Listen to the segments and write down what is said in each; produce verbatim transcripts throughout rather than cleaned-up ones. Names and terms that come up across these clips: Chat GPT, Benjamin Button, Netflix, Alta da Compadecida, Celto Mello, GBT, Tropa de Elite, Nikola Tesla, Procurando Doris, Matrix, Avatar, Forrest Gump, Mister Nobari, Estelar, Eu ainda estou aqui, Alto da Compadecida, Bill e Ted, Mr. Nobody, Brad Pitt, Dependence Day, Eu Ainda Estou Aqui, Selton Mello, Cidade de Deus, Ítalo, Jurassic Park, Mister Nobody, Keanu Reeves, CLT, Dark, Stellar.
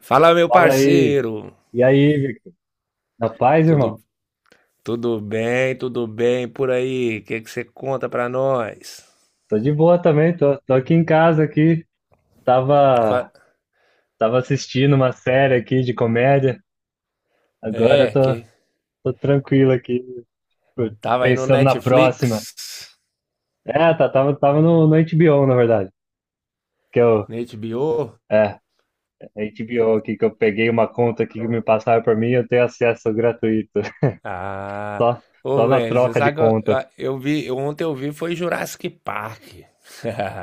Fala, meu Fala aí. parceiro. E aí, Vic? Na paz irmão? Tudo, tudo bem, tudo bem por aí? O que que você conta pra nós? Tô de boa também, tô, tô aqui em casa aqui. Fa- Tava, tava assistindo uma série aqui de comédia. Agora eu É, tô, que tô tranquilo aqui, pô, tava aí no pensando na próxima. Netflix, É, tá, tava, tava no, no H B O, na verdade. Que eu, na H B O. é, H B O aqui, que eu peguei uma conta aqui que me passaram por mim, eu tenho acesso gratuito. Ah, Só, só ô na velho, você troca de sabe que eu, conta. eu- eu vi, eu- ontem eu vi foi Jurassic Park.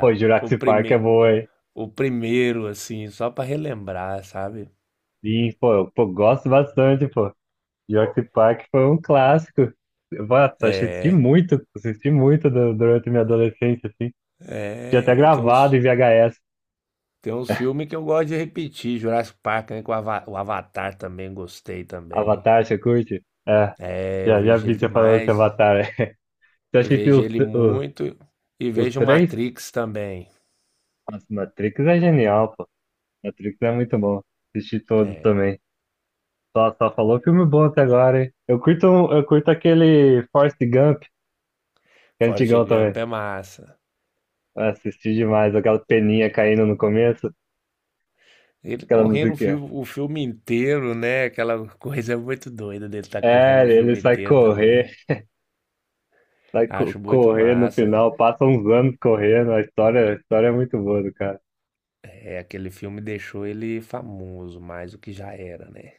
Pô, O Jurassic Park é primeiro, boa, hein? o primeiro assim, só pra relembrar, sabe? Sim, pô, eu- pô, gosto bastante, pô. Jurassic Park foi um clássico. Nossa, assisti É, muito, assisti muito du- durante minha adolescência, assim. Tinha até é, tem gravado em uns V H S. Tem uns filmes que eu gosto de repetir, Jurassic Park, né? que O Ava- o Avatar também gostei também. Avatar, você curte? É, É, eu já, já vejo ele vi você falando de demais, Avatar. Você eu vejo assistiu os, ele os, muito e os vejo três? Matrix também. Nossa, Matrix é genial, pô. Matrix é muito bom. Assisti todo É, também. Só, só falou filme bom até agora, hein? Eu curto, um- eu curto aquele Forrest Gump, que é Forrest antigão também. Gump é massa. Eu assisti demais, aquela peninha caindo no começo, Ele aquela correndo o música. filme, o filme inteiro, né? Aquela coisa muito doida dele estar correndo É, o ele filme sai inteiro também. correr, sai co- Acho muito correr no massa. final, passa uns anos correndo. A história, a história é muito boa do cara. É, aquele filme deixou ele famoso, mais do que já era, né?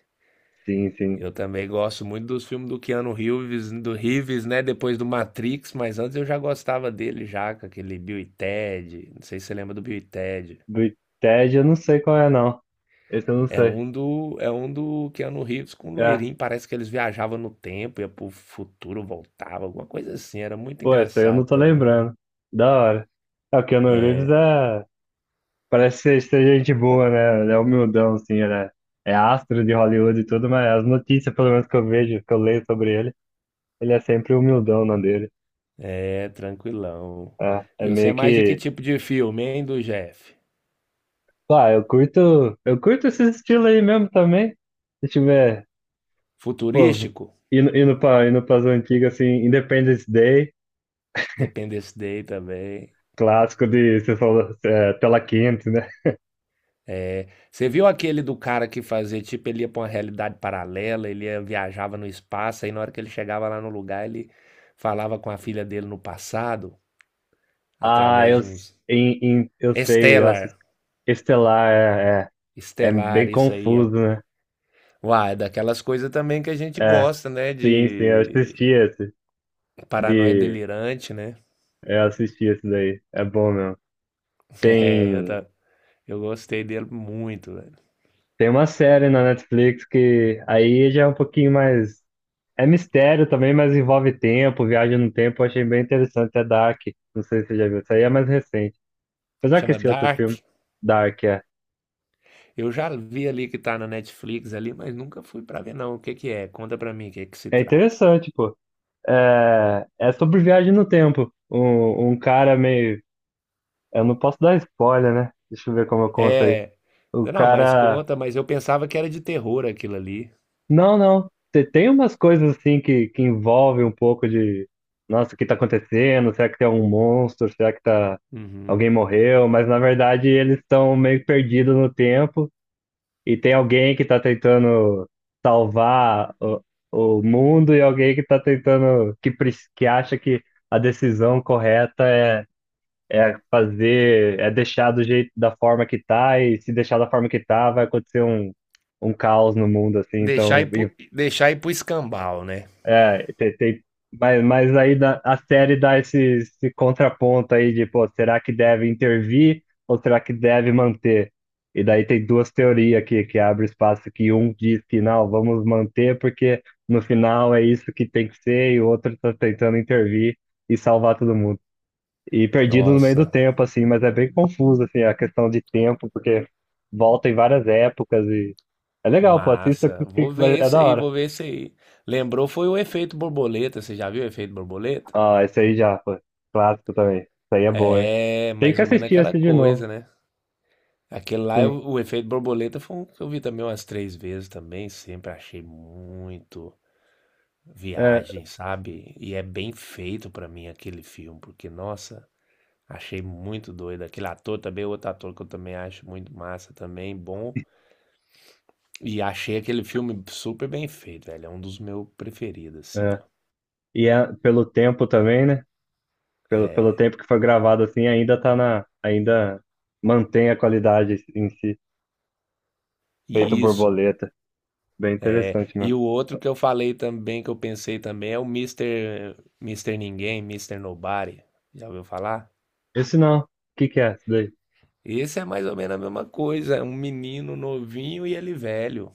Sim, sim. Eu também gosto muito dos filmes do Keanu Reeves, do Reeves, né? Depois do Matrix, mas antes eu já gostava dele já, com aquele Bill e Ted. Não sei se você lembra do Bill e Ted. Do Ted eu não sei qual é, não. Esse eu não É sei. um do, é um do Keanu Reeves com o É, loirinho. Parece que eles viajavam no tempo, ia pro futuro, voltava, alguma coisa assim. Era muito pô, esse aí eu não engraçado tô também. lembrando. Da hora. É, o Keanu Reeves É, é. Parece ser, ser gente boa, né? Ele é humildão, assim, ele é, é astro de Hollywood e tudo, mas as notícias, pelo menos que eu vejo, que eu leio sobre ele, ele é sempre humildão na dele. é, tranquilão. É, é E você é meio mais de que que tipo de filme, hein, do Jeff? Ah, eu curto, eu curto esse estilo aí mesmo também. Se tiver, pô, Futurístico? indo, indo para indo pras antigas, assim, Independence Day, Dependence Day também. clássico de, você falou, é, tela quente, né? É, você viu aquele do cara que fazia, tipo, ele ia pra uma realidade paralela, ele ia- viajava no espaço, aí na hora que ele chegava lá no lugar, ele falava com a filha dele no passado, Ah, através eu, de s- uns em, em- eu sei, nossa, Stellar, Estelar é, é, é Estelar, bem isso aí. É... confuso, né? Uai, é daquelas coisas também que a gente É, gosta, né? sim, sim, eu assisti De esse, paranoia de, delirante, né? eu assisti esse daí, é bom mesmo. É, eu, Tem, ta- eu gostei dele muito, velho. tem uma série na Netflix que aí já é um pouquinho mais É mistério também, mas envolve tempo, viagem no tempo. Eu achei bem interessante. É Dark. Não sei se você já viu. Isso aí é mais recente. Apesar que Chama esse outro filme, Dark. Dark, é. Eu já vi ali que tá na Netflix ali, mas nunca fui pra ver, não. O que que é? Conta pra mim o que que se É trata. interessante, pô. É, é sobre viagem no tempo. Um, um cara meio. Eu não posso dar spoiler, né? Deixa eu ver como eu conto aí. É. O Não, mas cara. conta, mas eu pensava que era de terror aquilo ali. Não, não. Te- Tem umas coisas assim que, que envolvem um pouco de. Nossa, o que tá acontecendo? Será que tem algum monstro? Será que tá. Uhum. Alguém morreu, mas na verdade eles estão meio perdidos no tempo e tem alguém que tá tentando salvar o, o mundo e alguém que tá tentando, que, prec- que acha que a decisão correta é, é fazer, é deixar do jeito, da forma que tá, e se deixar da forma que tá, vai acontecer um, um caos no mundo, assim, Deixar então ir pro, deixar ir pro escambau, né? é, tem, tem- mas, mas aí dá- a série dá esse, esse contraponto aí de, pô, será que deve intervir ou será que deve manter? E daí tem duas teorias aqui que abre espaço que um diz que não, vamos manter porque no final é isso que tem que ser e o outro tá tentando intervir e salvar todo mundo. E perdido no meio do Nossa, tempo, assim, mas é bem confuso, assim, a questão de tempo, porque volta em várias épocas e é legal, pô, assista que massa. que Vou vai, ver é esse da aí, hora. vou ver esse aí. Lembrou foi o efeito borboleta, você já viu o efeito borboleta? Ah, esse aí já, pô. Clássico também. Isso aí é bom, hein? É, Tem mais que ou menos assistir aquela esse de novo. coisa, né? Aquele lá, Sim. o, o efeito borboleta foi um que eu vi também umas três vezes também, sempre achei muito É, viagem, sabe? E é bem feito pra mim aquele filme, porque, nossa, achei muito doido. Aquele ator também, outro ator que eu também acho muito massa também, bom. E achei aquele filme super bem feito, velho. É um dos meus preferidos, assim, é. ó. E é pelo tempo também, né? Pelo, pelo É, tempo que foi gravado assim, ainda tá na. Ainda mantém a qualidade em si. Feito e isso. borboleta. Bem É, interessante mesmo. e o outro que eu falei também, que eu pensei também, é o Mister Mister Ninguém, Mister Nobody. Já ouviu falar? Esse não. O que que é isso daí? Esse é mais ou menos a mesma coisa. É um menino novinho e ele velho.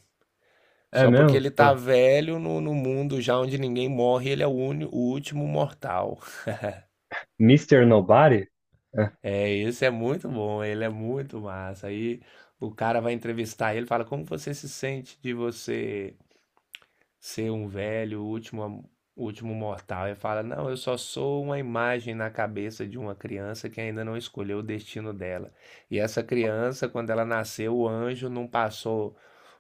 É Só porque mesmo? ele tá Pô. velho no, no mundo já onde ninguém morre, ele é o, uni- o último mortal. mister Nobody? É. É, esse é muito bom, ele é muito massa. Aí o cara vai entrevistar ele, fala: "Como você se sente de você ser um velho, o último, o último mortal?" Ele fala: "Não, eu só sou uma imagem na cabeça de uma criança que ainda não escolheu o destino dela. E essa criança, quando ela nasceu, o anjo não passou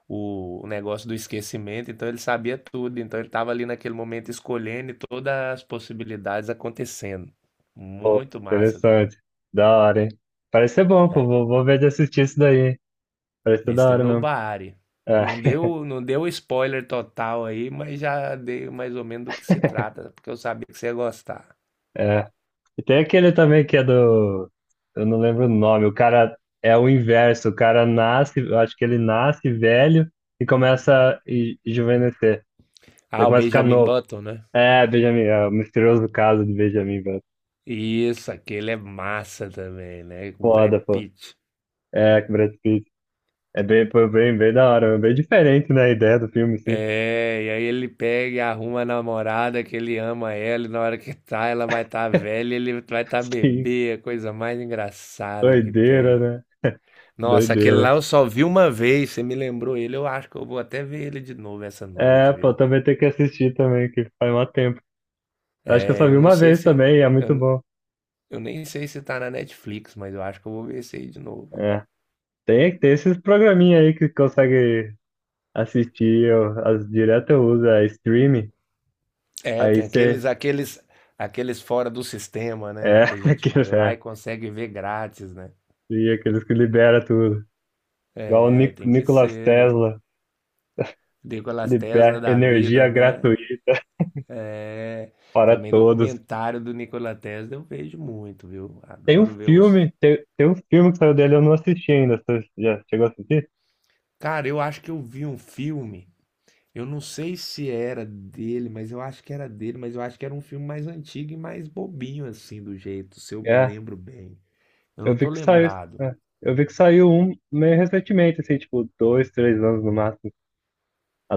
o o negócio do esquecimento, então ele sabia tudo, então ele estava ali naquele momento escolhendo e todas as possibilidades acontecendo. Pô, Muito massa também. interessante. Da hora, hein? Parece ser bom, pô. Vou, vou ver de assistir isso daí, hein? Parece ser da Mister hora mesmo. Nobari. Não deu, não deu spoiler total aí, mas já dei mais ou menos do que se trata, porque eu sabia que você ia gostar. É. E tem aquele também que é do. Eu não lembro o nome. O cara é o inverso. O cara nasce, eu acho que ele nasce velho e começa a e- rejuvenescer. Ele Ah, o começa a ficar Benjamin novo. Button, né? É, Benjamin, é o misterioso caso de Benjamin, velho. Isso, aquele é massa também, né? O Brad Foda, pô. Pitt. É, com Brad Pitt. É bem, foi bem, bem da hora, bem diferente, né, a ideia do filme, sim. É, e aí ele pega e arruma a namorada que ele ama ela, e na hora que tá, ela vai estar tá velha, ele vai estar tá Sim, bebê, é a coisa mais engraçada que doideira, tem. né? Nossa, aquele lá Doideira. eu só vi uma vez, você me lembrou ele, eu acho que eu vou até ver ele de novo essa É, noite, pô, viu? também tem que assistir também, que faz mó tempo. Acho que eu É, só eu vi não uma sei vez se. também, e é muito Eu, bom. eu nem sei se tá na Netflix, mas eu acho que eu vou ver esse aí de novo. É tem, tem esses programinha aí que consegue assistir, eu, as, direto eu uso, é streaming, É, aí tem você, aqueles, aqueles, aqueles fora do sistema, né? é, Que a gente vai aqueles, lá é, e consegue ver grátis, né? e aqueles que libera tudo, igual o É, Nic- tem que Nikola ser, né? Tesla, Nikolas libera Tesla da vida, energia né? gratuita para Também todos. documentário do Nikola Tesla eu vejo muito, viu? Tem um Adoro ver uns. filme, tem, tem um filme que saiu dele, eu não assisti ainda, você já chegou a assistir? Cara, eu acho que eu vi um filme. Eu não sei se era dele, mas eu acho que era dele, mas eu acho que era um filme mais antigo e mais bobinho assim do jeito, se eu me É, lembro bem. Eu não eu tô vi que saiu, lembrado. é, eu vi que saiu um meio recentemente, assim, tipo, dois, três anos no máximo,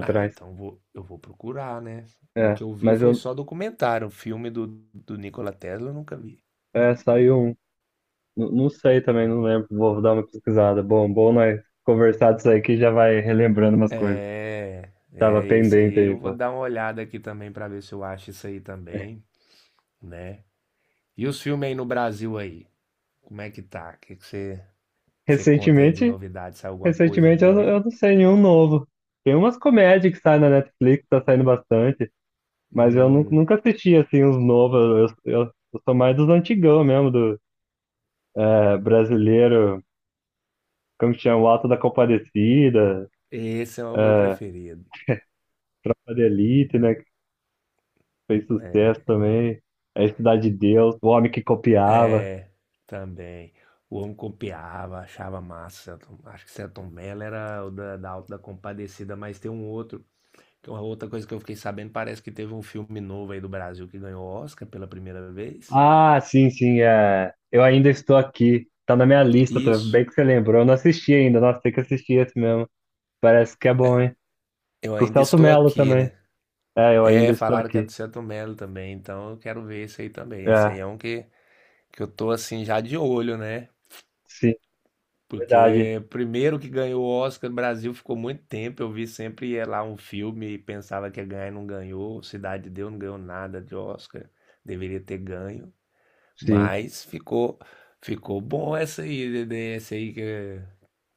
Ah, então vou, eu vou procurar, né? O é, que eu vi mas foi eu, só documentário, o filme do, do Nikola Tesla eu nunca vi. é, saiu um. N- Não sei também, não lembro. Vou dar uma pesquisada. Bom, bom nós conversar disso aí que já vai relembrando umas coisas. É, Tava é esse pendente aí eu aí, vou pô. dar uma olhada aqui também pra ver se eu acho isso aí também, né? E os filmes aí no Brasil aí, como é que tá? O que que você que você conta aí de Recentemente, novidade? Saiu alguma coisa recentemente eu, boa não- eu aí? não sei nenhum novo. Tem umas comédias que saem na Netflix, tá saindo bastante, mas eu nu- Hum. nunca assisti assim os novos. Eu, eu, eu sou mais dos antigão mesmo, do é, brasileiro, como que chama? O Alto da Compadecida, Esse é o meu é, preferido. Tropa de Elite, né? Que fez Né? sucesso também. É Cidade de Deus, o homem que copiava. É, também. O homem copiava, achava massa. Selton- Acho que Selton Mello era o da, da Alta da Compadecida, mas tem um outro. Que é Uma outra coisa que eu fiquei sabendo, parece que teve um filme novo aí do Brasil que ganhou Oscar pela primeira vez. Ah, sim, sim. É... Eu ainda estou aqui. Tá na minha lista, tá Isso. bem que você lembrou. Eu não assisti ainda. Nossa, tem que assistir esse mesmo. Parece que é bom, hein? Eu Com o ainda Celto estou Mello aqui, também. né? É, eu ainda É, estou falaram que é do aqui. Selton Mello também, então eu quero ver esse aí também. Esse aí É, é um que, que, eu tô assim já de olho, né? sim, verdade. Porque primeiro que ganhou o Oscar no Brasil ficou muito tempo. Eu vi sempre ia lá um filme e pensava que ia ganhar e não ganhou. Cidade de Deus não ganhou nada de Oscar. Deveria ter ganho. Sim, Mas ficou ficou bom essa aí, Dedé, essa aí que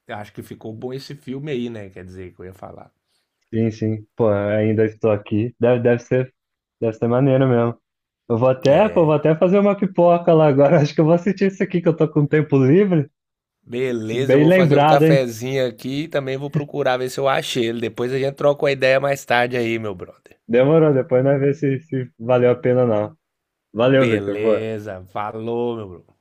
acho que ficou bom esse filme aí, né? Quer dizer, que eu ia falar. sim, sim. Pô, eu ainda estou aqui. Deve, deve ser, deve ser maneiro mesmo. Eu vou até, pô, vou até fazer uma pipoca lá agora. Acho que eu vou assistir isso aqui que eu tô com tempo livre. Beleza, eu Bem vou fazer um lembrado, hein? cafezinho aqui e também vou procurar ver se eu achei ele. Depois a gente troca uma ideia mais tarde aí, meu brother. Demorou, depois nós vemos se, se valeu a pena ou não. Valeu, Victor. Boa. Beleza, falou, meu brother.